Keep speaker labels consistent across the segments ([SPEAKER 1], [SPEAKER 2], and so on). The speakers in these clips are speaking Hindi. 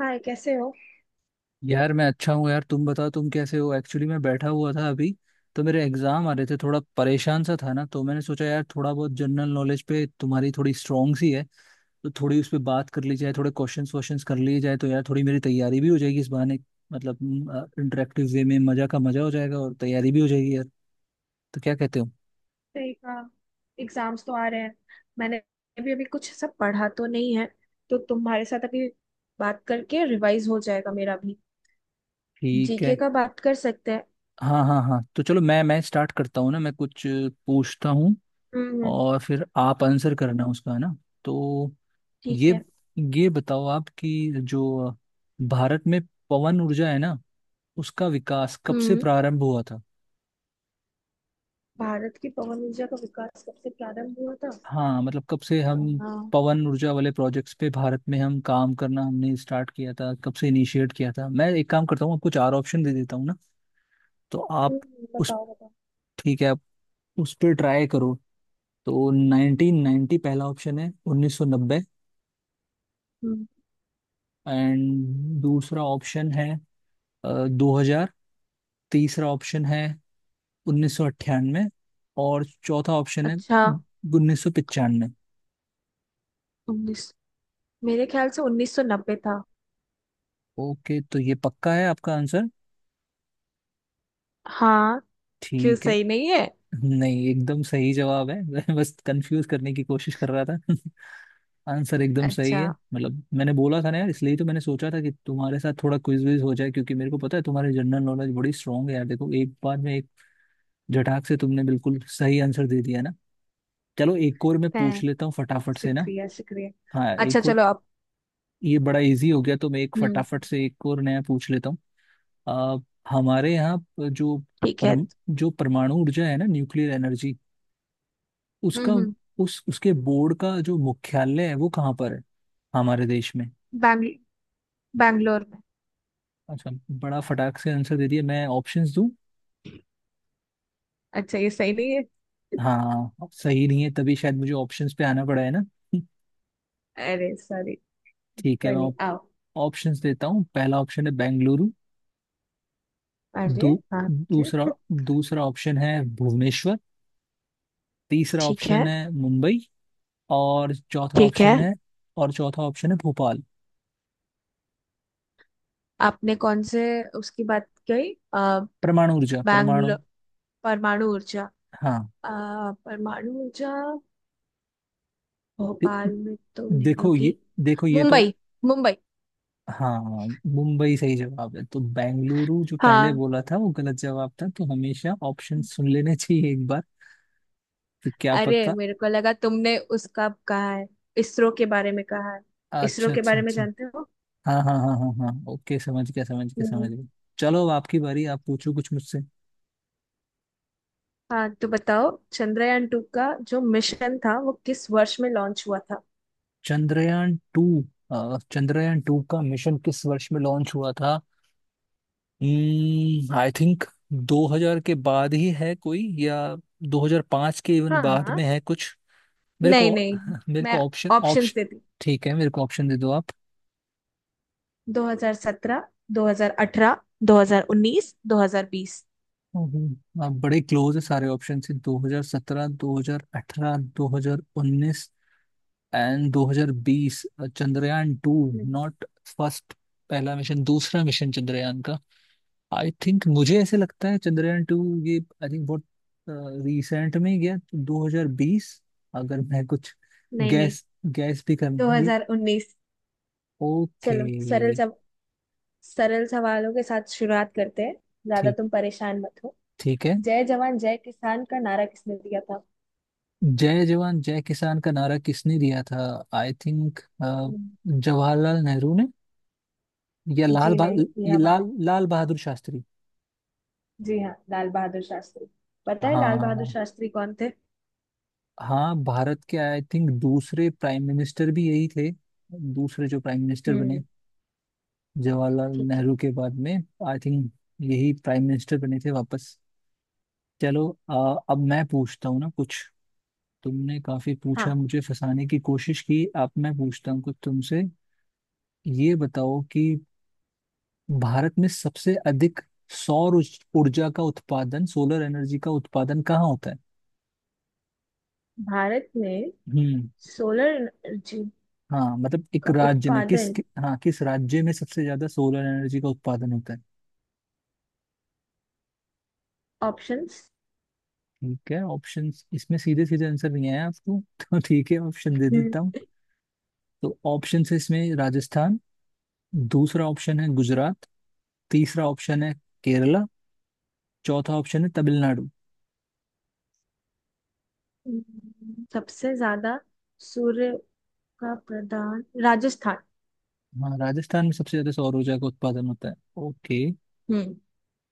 [SPEAKER 1] हाय, कैसे हो।
[SPEAKER 2] यार मैं अच्छा हूँ। यार तुम बताओ तुम कैसे हो। एक्चुअली मैं बैठा हुआ था अभी तो मेरे एग्जाम आ रहे थे, थोड़ा परेशान सा था ना, तो मैंने सोचा यार थोड़ा बहुत जनरल नॉलेज पे तुम्हारी थोड़ी स्ट्रॉन्ग सी है। तो थोड़ी उस पर बात कर ली जाए, थोड़े क्वेश्चंस क्वेश्चंस कर लिए जाए तो यार थोड़ी मेरी तैयारी भी हो जाएगी इस बहाने। मतलब इंटरेक्टिव वे में मजा का मजा हो जाएगा और तैयारी भी हो जाएगी यार। तो क्या कहते हो?
[SPEAKER 1] सही कहा। एग्जाम्स तो आ रहे हैं। मैंने भी अभी कुछ सब पढ़ा तो नहीं है। तो तुम्हारे साथ अभी बात करके रिवाइज हो जाएगा मेरा भी।
[SPEAKER 2] ठीक
[SPEAKER 1] जीके
[SPEAKER 2] है।
[SPEAKER 1] का बात कर सकते हैं।
[SPEAKER 2] हाँ हाँ हाँ, तो चलो मैं स्टार्ट करता हूँ ना, मैं कुछ पूछता हूँ
[SPEAKER 1] हम्म।
[SPEAKER 2] और फिर आप आंसर करना उसका, है ना? तो
[SPEAKER 1] ठीक
[SPEAKER 2] ये
[SPEAKER 1] है।
[SPEAKER 2] ये बताओ आप कि जो भारत में पवन ऊर्जा है ना, उसका विकास कब से
[SPEAKER 1] हम्म।
[SPEAKER 2] प्रारंभ हुआ था?
[SPEAKER 1] भारत की पवन ऊर्जा का विकास कब से प्रारंभ हुआ था?
[SPEAKER 2] हाँ मतलब कब से हम
[SPEAKER 1] अ,
[SPEAKER 2] पवन ऊर्जा वाले प्रोजेक्ट्स पे भारत में हम काम करना हमने स्टार्ट किया था, कब से इनिशिएट किया था। मैं एक काम करता हूँ, आपको चार ऑप्शन दे देता हूँ ना। तो आप उस
[SPEAKER 1] बताओ बताओ।
[SPEAKER 2] ठीक है आप उस पर ट्राई करो। तो 1990 पहला ऑप्शन है, 1990।
[SPEAKER 1] हम्म।
[SPEAKER 2] एंड दूसरा ऑप्शन है 2000। तीसरा ऑप्शन है 1998 और चौथा ऑप्शन है
[SPEAKER 1] अच्छा।
[SPEAKER 2] 1995।
[SPEAKER 1] उन्नीस मेरे ख्याल से 1990 था।
[SPEAKER 2] ओके, तो ये पक्का है आपका आंसर?
[SPEAKER 1] हाँ। क्यों
[SPEAKER 2] ठीक है।
[SPEAKER 1] सही नहीं है?
[SPEAKER 2] नहीं, एकदम सही जवाब है, मैं बस कंफ्यूज करने की कोशिश कर रहा था। आंसर एकदम सही
[SPEAKER 1] अच्छा
[SPEAKER 2] है। मतलब मैंने बोला था ना यार, इसलिए तो मैंने सोचा था कि तुम्हारे साथ थोड़ा क्विज विज हो जाए, क्योंकि मेरे को पता है तुम्हारी जनरल नॉलेज बड़ी स्ट्रांग है यार। देखो, एक बार में एक झटाक से तुमने बिल्कुल सही आंसर दे दिया ना। चलो, एक और मैं
[SPEAKER 1] है।
[SPEAKER 2] पूछ लेता हूँ फटाफट से ना।
[SPEAKER 1] शुक्रिया, शुक्रिया।
[SPEAKER 2] हाँ,
[SPEAKER 1] अच्छा,
[SPEAKER 2] एक और।
[SPEAKER 1] चलो आप।
[SPEAKER 2] ये बड़ा इजी हो गया, तो मैं एक
[SPEAKER 1] हम्म।
[SPEAKER 2] फटाफट से एक और नया पूछ लेता हूँ। आ, हमारे यहाँ जो
[SPEAKER 1] ठीक है।
[SPEAKER 2] जो परमाणु ऊर्जा है ना, न्यूक्लियर एनर्जी, उसका
[SPEAKER 1] हम्म। हम्म।
[SPEAKER 2] उस उसके बोर्ड का जो मुख्यालय है वो कहाँ पर है हमारे देश में?
[SPEAKER 1] बैंगल बैंगलोर में।
[SPEAKER 2] अच्छा। बड़ा फटाक से आंसर दे दिया, मैं ऑप्शंस दूं?
[SPEAKER 1] अच्छा, ये सही नहीं है?
[SPEAKER 2] हाँ सही नहीं है, तभी शायद मुझे ऑप्शंस पे आना पड़ा है ना।
[SPEAKER 1] अरे सॉरी।
[SPEAKER 2] ठीक है,
[SPEAKER 1] कोई
[SPEAKER 2] मैं
[SPEAKER 1] नहीं, आओ।
[SPEAKER 2] ऑप्शंस देता हूँ। पहला ऑप्शन है बेंगलुरु।
[SPEAKER 1] अरे।
[SPEAKER 2] दू,
[SPEAKER 1] आपके।
[SPEAKER 2] दूसरा दूसरा ऑप्शन है भुवनेश्वर। तीसरा
[SPEAKER 1] ठीक है।
[SPEAKER 2] ऑप्शन है मुंबई, और चौथा
[SPEAKER 1] ठीक है।
[SPEAKER 2] ऑप्शन है और चौथा ऑप्शन है भोपाल।
[SPEAKER 1] आपने कौन से उसकी बात कही?
[SPEAKER 2] परमाणु ऊर्जा परमाणु।
[SPEAKER 1] बैंगलोर। परमाणु ऊर्जा।
[SPEAKER 2] हाँ।
[SPEAKER 1] अ, परमाणु ऊर्जा।
[SPEAKER 2] दे,
[SPEAKER 1] भोपाल में तो नहीं
[SPEAKER 2] देखो ये
[SPEAKER 1] होगी।
[SPEAKER 2] देखो ये तो,
[SPEAKER 1] मुंबई। मुंबई।
[SPEAKER 2] हाँ, मुंबई सही जवाब है। तो बेंगलुरु जो पहले
[SPEAKER 1] हाँ।
[SPEAKER 2] बोला था वो गलत जवाब था, तो हमेशा ऑप्शन सुन लेने चाहिए एक बार, तो क्या
[SPEAKER 1] अरे,
[SPEAKER 2] पता।
[SPEAKER 1] मेरे को लगा तुमने उसका कहा है। इसरो के बारे में कहा है। इसरो
[SPEAKER 2] अच्छा
[SPEAKER 1] के
[SPEAKER 2] अच्छा
[SPEAKER 1] बारे में
[SPEAKER 2] अच्छा।
[SPEAKER 1] जानते
[SPEAKER 2] हाँ हाँ हाँ हाँ हाँ, ओके समझ गया समझ गया
[SPEAKER 1] हो।
[SPEAKER 2] समझ गया। चलो, अब आपकी बारी, आप पूछो कुछ मुझसे।
[SPEAKER 1] हाँ, तो बताओ, चंद्रयान टू का जो मिशन था वो किस वर्ष में लॉन्च हुआ था?
[SPEAKER 2] चंद्रयान टू। चंद्रयान टू का मिशन किस वर्ष में लॉन्च हुआ था? आई थिंक 2000 के बाद ही है कोई, या 2005 के इवन
[SPEAKER 1] हाँ
[SPEAKER 2] बाद
[SPEAKER 1] हाँ।
[SPEAKER 2] में है कुछ। मेरे
[SPEAKER 1] नहीं
[SPEAKER 2] को
[SPEAKER 1] नहीं।
[SPEAKER 2] मेरे
[SPEAKER 1] मैं
[SPEAKER 2] को ऑप्शन
[SPEAKER 1] ऑप्शंस
[SPEAKER 2] ऑप्शन
[SPEAKER 1] देती।
[SPEAKER 2] ठीक है, मेरे को ऑप्शन दे दो आप।
[SPEAKER 1] 2017, 2018, 2019, 2020।
[SPEAKER 2] आप बड़े क्लोज है सारे ऑप्शन से, 2017 2018 2019 एंड 2020। चंद्रयान टू,
[SPEAKER 1] नहीं।
[SPEAKER 2] नॉट फर्स्ट, पहला मिशन दूसरा मिशन चंद्रयान का। आई थिंक मुझे ऐसे लगता है चंद्रयान टू ये, आई थिंक बहुत रिसेंट में ही गया, 2020। अगर मैं कुछ
[SPEAKER 1] नहीं नहीं।
[SPEAKER 2] गैस गैस भी कर, ये,
[SPEAKER 1] 2019।
[SPEAKER 2] ओके।
[SPEAKER 1] चलो सरल सवालों के साथ शुरुआत करते हैं। ज्यादा
[SPEAKER 2] ठीक
[SPEAKER 1] तुम परेशान मत हो।
[SPEAKER 2] ठीक है।
[SPEAKER 1] जय जवान जय किसान का नारा किसने दिया था?
[SPEAKER 2] जय जवान जय किसान का नारा किसने दिया था? I think
[SPEAKER 1] hmm.
[SPEAKER 2] Jawaharlal Nehru ने, या लाल
[SPEAKER 1] जी नहीं,
[SPEAKER 2] बहा
[SPEAKER 1] ये
[SPEAKER 2] ये
[SPEAKER 1] हमारे।
[SPEAKER 2] लाल लाल बहादुर शास्त्री।
[SPEAKER 1] जी हाँ, लाल बहादुर शास्त्री। पता है लाल बहादुर
[SPEAKER 2] हाँ।
[SPEAKER 1] शास्त्री कौन थे?
[SPEAKER 2] हाँ भारत के आई थिंक दूसरे प्राइम मिनिस्टर भी यही थे, दूसरे जो प्राइम मिनिस्टर बने
[SPEAKER 1] हम्म।
[SPEAKER 2] जवाहरलाल
[SPEAKER 1] ठीक है।
[SPEAKER 2] नेहरू के बाद में। आई थिंक यही प्राइम मिनिस्टर बने थे वापस। चलो, अब मैं पूछता हूँ ना कुछ। तुमने काफी पूछा
[SPEAKER 1] हाँ,
[SPEAKER 2] मुझे फंसाने की कोशिश की, अब मैं पूछता हूँ कुछ तुमसे। ये बताओ कि भारत में सबसे अधिक सौर ऊर्जा का उत्पादन, सोलर एनर्जी का उत्पादन कहाँ होता है?
[SPEAKER 1] भारत में
[SPEAKER 2] हम्म।
[SPEAKER 1] सोलर एनर्जी
[SPEAKER 2] हाँ मतलब एक
[SPEAKER 1] का
[SPEAKER 2] राज्य में
[SPEAKER 1] उत्पादन।
[SPEAKER 2] हाँ, किस राज्य में सबसे ज्यादा सोलर एनर्जी का उत्पादन होता है?
[SPEAKER 1] ऑप्शंस।
[SPEAKER 2] ठीक है, ऑप्शंस, इसमें सीधे सीधे आंसर नहीं आया आपको। तो ठीक है, ऑप्शन दे
[SPEAKER 1] हम्म।
[SPEAKER 2] देता हूँ। तो ऑप्शन है इसमें राजस्थान, दूसरा ऑप्शन है गुजरात, तीसरा ऑप्शन है केरला, चौथा ऑप्शन है तमिलनाडु।
[SPEAKER 1] सबसे ज्यादा सूर्य का प्रदान राजस्थान।
[SPEAKER 2] हाँ, राजस्थान में सबसे ज्यादा सौर ऊर्जा का उत्पादन होता है? ओके,
[SPEAKER 1] हम्म।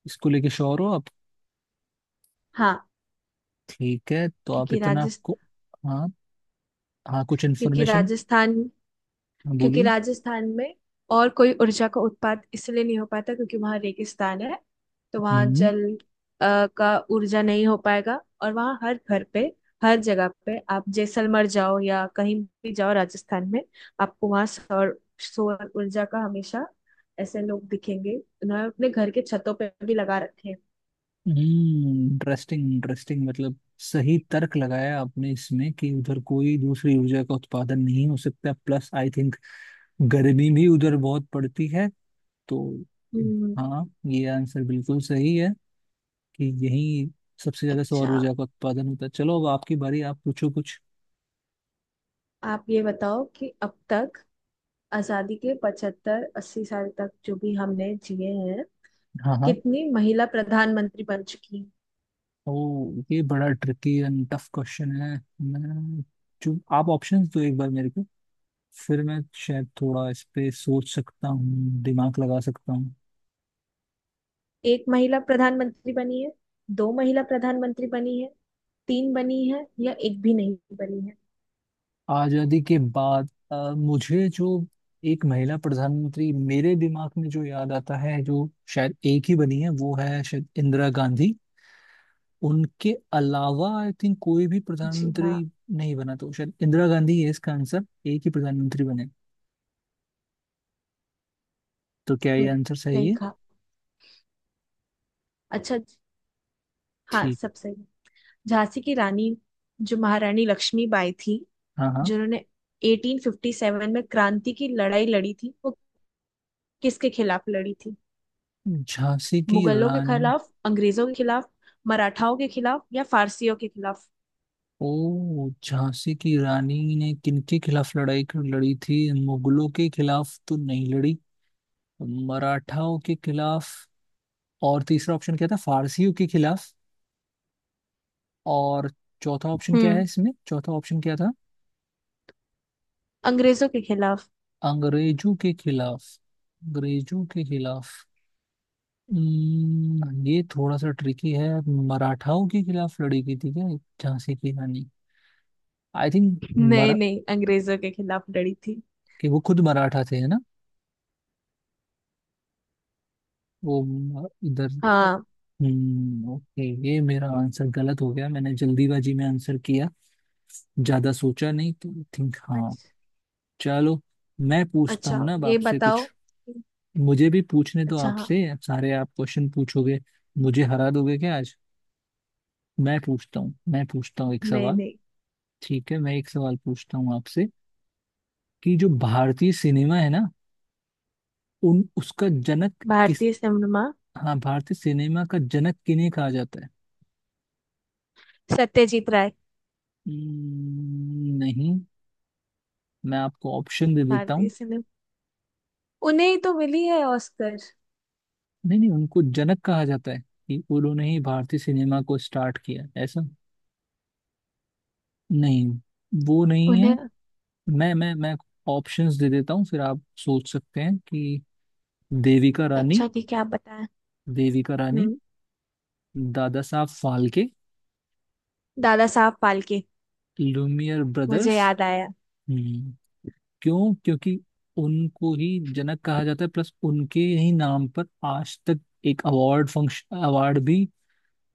[SPEAKER 2] इसको लेके श्योर हो आप?
[SPEAKER 1] हाँ।
[SPEAKER 2] ठीक है, तो आप
[SPEAKER 1] क्योंकि
[SPEAKER 2] इतना
[SPEAKER 1] राजस्थान
[SPEAKER 2] को, हाँ हाँ, कुछ
[SPEAKER 1] क्योंकि
[SPEAKER 2] इन्फॉर्मेशन
[SPEAKER 1] राजस्थान क्योंकि
[SPEAKER 2] बोलिए।
[SPEAKER 1] राजस्थान में और कोई ऊर्जा का उत्पाद इसलिए नहीं हो पाता क्योंकि वहाँ रेगिस्तान है। तो वहाँ
[SPEAKER 2] हम्म।
[SPEAKER 1] जल का ऊर्जा नहीं हो पाएगा। और वहाँ हर घर पे, हर जगह पे, आप जैसलमेर जाओ या कहीं भी जाओ राजस्थान में, आपको वहाँ सौर सौर ऊर्जा का हमेशा ऐसे लोग दिखेंगे। उन्होंने अपने घर के छतों पे भी लगा रखे हैं।
[SPEAKER 2] इंटरेस्टिंग इंटरेस्टिंग, मतलब सही तर्क लगाया आपने इसमें कि उधर कोई दूसरी ऊर्जा का उत्पादन नहीं हो सकता, प्लस आई थिंक गर्मी भी उधर बहुत पड़ती है तो।
[SPEAKER 1] हम्म।
[SPEAKER 2] हाँ, ये आंसर बिल्कुल सही है कि यही सबसे ज्यादा सौर
[SPEAKER 1] अच्छा,
[SPEAKER 2] ऊर्जा का उत्पादन होता है। चलो, अब आपकी बारी, आप पूछो कुछ।
[SPEAKER 1] आप ये बताओ कि अब तक आजादी के 75 80 साल तक जो भी हमने जिए हैं,
[SPEAKER 2] हाँ हाँ।
[SPEAKER 1] कितनी महिला प्रधानमंत्री बन चुकी हैं?
[SPEAKER 2] ओ, ये बड़ा ट्रिकी एंड टफ क्वेश्चन है। मैं जो आप ऑप्शंस दो एक बार मेरे को, फिर मैं शायद थोड़ा इस पे सोच सकता हूँ, दिमाग लगा सकता हूँ।
[SPEAKER 1] एक महिला प्रधानमंत्री बनी है, दो महिला प्रधानमंत्री बनी है, तीन बनी है, या एक भी नहीं बनी है?
[SPEAKER 2] आजादी के बाद मुझे जो एक महिला प्रधानमंत्री मेरे दिमाग में जो याद आता है जो शायद एक ही बनी है, वो है शायद इंदिरा गांधी। उनके अलावा आई थिंक कोई भी
[SPEAKER 1] जी
[SPEAKER 2] प्रधानमंत्री
[SPEAKER 1] हाँ।
[SPEAKER 2] नहीं बना, तो शायद इंदिरा गांधी है इसका आंसर, एक ही प्रधानमंत्री बने। तो क्या ये
[SPEAKER 1] हम्म,
[SPEAKER 2] आंसर सही
[SPEAKER 1] सही
[SPEAKER 2] है?
[SPEAKER 1] कहा। अच्छा हाँ,
[SPEAKER 2] ठीक।
[SPEAKER 1] सब सही है। झांसी की रानी जो महारानी लक्ष्मीबाई थी,
[SPEAKER 2] हाँ हाँ।
[SPEAKER 1] जिन्होंने 1857 में क्रांति की लड़ाई लड़ी थी, वो किसके खिलाफ लड़ी थी?
[SPEAKER 2] झांसी की
[SPEAKER 1] मुगलों के
[SPEAKER 2] रानी।
[SPEAKER 1] खिलाफ, अंग्रेजों के खिलाफ, मराठाओं के खिलाफ या फारसियों के खिलाफ?
[SPEAKER 2] ओ, झांसी की रानी ने किनके खिलाफ लड़ाई लड़ी थी? मुगलों के खिलाफ तो नहीं लड़ी, मराठाओं के खिलाफ, और तीसरा ऑप्शन क्या था, फारसियों के खिलाफ, और
[SPEAKER 1] हम्म।
[SPEAKER 2] चौथा ऑप्शन क्या था,
[SPEAKER 1] अंग्रेजों के खिलाफ।
[SPEAKER 2] अंग्रेजों के खिलाफ अंग्रेजों के खिलाफ ये थोड़ा सा ट्रिकी है। मराठाओं के खिलाफ लड़ी गई थी क्या झांसी की रानी? आई थिंक,
[SPEAKER 1] नहीं
[SPEAKER 2] मरा
[SPEAKER 1] नहीं, अंग्रेजों के खिलाफ लड़ी थी।
[SPEAKER 2] कि वो खुद मराठा थे है ना? वो इधर।
[SPEAKER 1] हाँ।
[SPEAKER 2] हम्म, ओके, ये मेरा आंसर गलत हो गया, मैंने जल्दीबाजी में आंसर किया, ज्यादा सोचा नहीं, तो आई थिंक हाँ।
[SPEAKER 1] अच्छा।
[SPEAKER 2] चलो, मैं पूछता
[SPEAKER 1] अच्छा,
[SPEAKER 2] हूँ ना अब
[SPEAKER 1] ये
[SPEAKER 2] आपसे कुछ।
[SPEAKER 1] बताओ।
[SPEAKER 2] मुझे भी पूछने तो
[SPEAKER 1] अच्छा, हाँ।
[SPEAKER 2] आपसे, सारे आप क्वेश्चन पूछोगे, मुझे हरा दोगे क्या आज? मैं पूछता हूँ एक
[SPEAKER 1] नहीं
[SPEAKER 2] सवाल।
[SPEAKER 1] नहीं।
[SPEAKER 2] ठीक है, मैं एक सवाल पूछता हूँ आपसे कि जो भारतीय सिनेमा है ना, उन उसका जनक किस
[SPEAKER 1] भारतीय सिनेमा।
[SPEAKER 2] हाँ, भारतीय सिनेमा का जनक किन्हें कहा जाता है?
[SPEAKER 1] सत्यजीत राय।
[SPEAKER 2] नहीं। मैं आपको ऑप्शन दे देता
[SPEAKER 1] भारतीय
[SPEAKER 2] हूँ।
[SPEAKER 1] सिनेमा। उन्हें ही तो मिली है ऑस्कर।
[SPEAKER 2] नहीं नहीं, उनको जनक कहा जाता है कि उन्होंने ही भारतीय सिनेमा को स्टार्ट किया ऐसा, नहीं वो नहीं है।
[SPEAKER 1] उन्हें।
[SPEAKER 2] मैं ऑप्शंस दे देता हूँ, फिर आप सोच सकते हैं कि देविका रानी
[SPEAKER 1] अच्छा, ठीक है, आप बताएं।
[SPEAKER 2] देविका रानी
[SPEAKER 1] हम्म।
[SPEAKER 2] दादा साहब फाल्के,
[SPEAKER 1] दादा साहब फाल्के।
[SPEAKER 2] लुमियर
[SPEAKER 1] मुझे
[SPEAKER 2] ब्रदर्स।
[SPEAKER 1] याद आया।
[SPEAKER 2] हम्म, क्यों? क्योंकि उनको ही जनक कहा जाता है, प्लस उनके ही नाम पर आज तक एक अवार्ड भी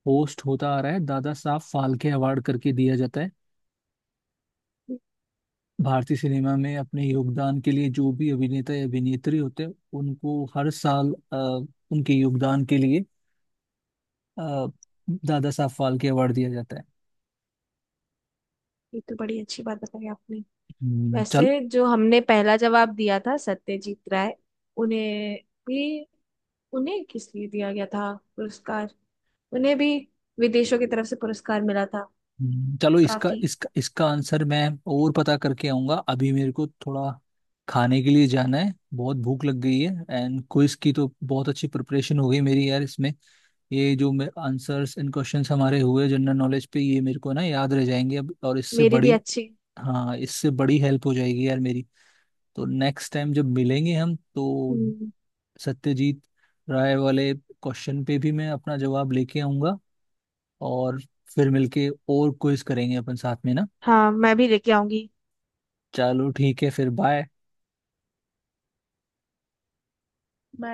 [SPEAKER 2] होस्ट होता आ रहा है, दादा साहब फाल्के अवार्ड करके दिया जाता है। भारतीय सिनेमा में अपने योगदान के लिए जो भी अभिनेता या अभिनेत्री होते हैं, उनको हर साल उनके योगदान के लिए अ, दादा साहब फाल्के अवार्ड दिया जाता है।
[SPEAKER 1] ये तो बड़ी अच्छी बात बताई आपने।
[SPEAKER 2] चल।
[SPEAKER 1] वैसे जो हमने पहला जवाब दिया था सत्यजीत राय, उन्हें भी, उन्हें किस लिए दिया गया था पुरस्कार? उन्हें भी विदेशों की तरफ से पुरस्कार मिला था।
[SPEAKER 2] चलो, इसका
[SPEAKER 1] काफी।
[SPEAKER 2] इसका इसका आंसर मैं और पता करके आऊंगा। अभी मेरे को थोड़ा खाने के लिए जाना है, बहुत भूख लग गई है। एंड क्विज की तो बहुत अच्छी प्रिपरेशन हो गई मेरी यार इसमें। ये जो मैं आंसर्स एंड क्वेश्चंस हमारे हुए जनरल नॉलेज पे, ये मेरे को ना याद रह जाएंगे अब। और इससे
[SPEAKER 1] मेरी भी
[SPEAKER 2] बड़ी,
[SPEAKER 1] अच्छी।
[SPEAKER 2] हाँ, इससे बड़ी हेल्प हो जाएगी यार मेरी। तो नेक्स्ट टाइम जब मिलेंगे हम, तो
[SPEAKER 1] हम्म।
[SPEAKER 2] सत्यजीत राय वाले क्वेश्चन पे भी मैं अपना जवाब लेके आऊंगा। और फिर मिलके और क्विज करेंगे अपन साथ में ना।
[SPEAKER 1] हाँ, मैं भी लेके आऊंगी।
[SPEAKER 2] चलो ठीक है, फिर बाय।
[SPEAKER 1] मैं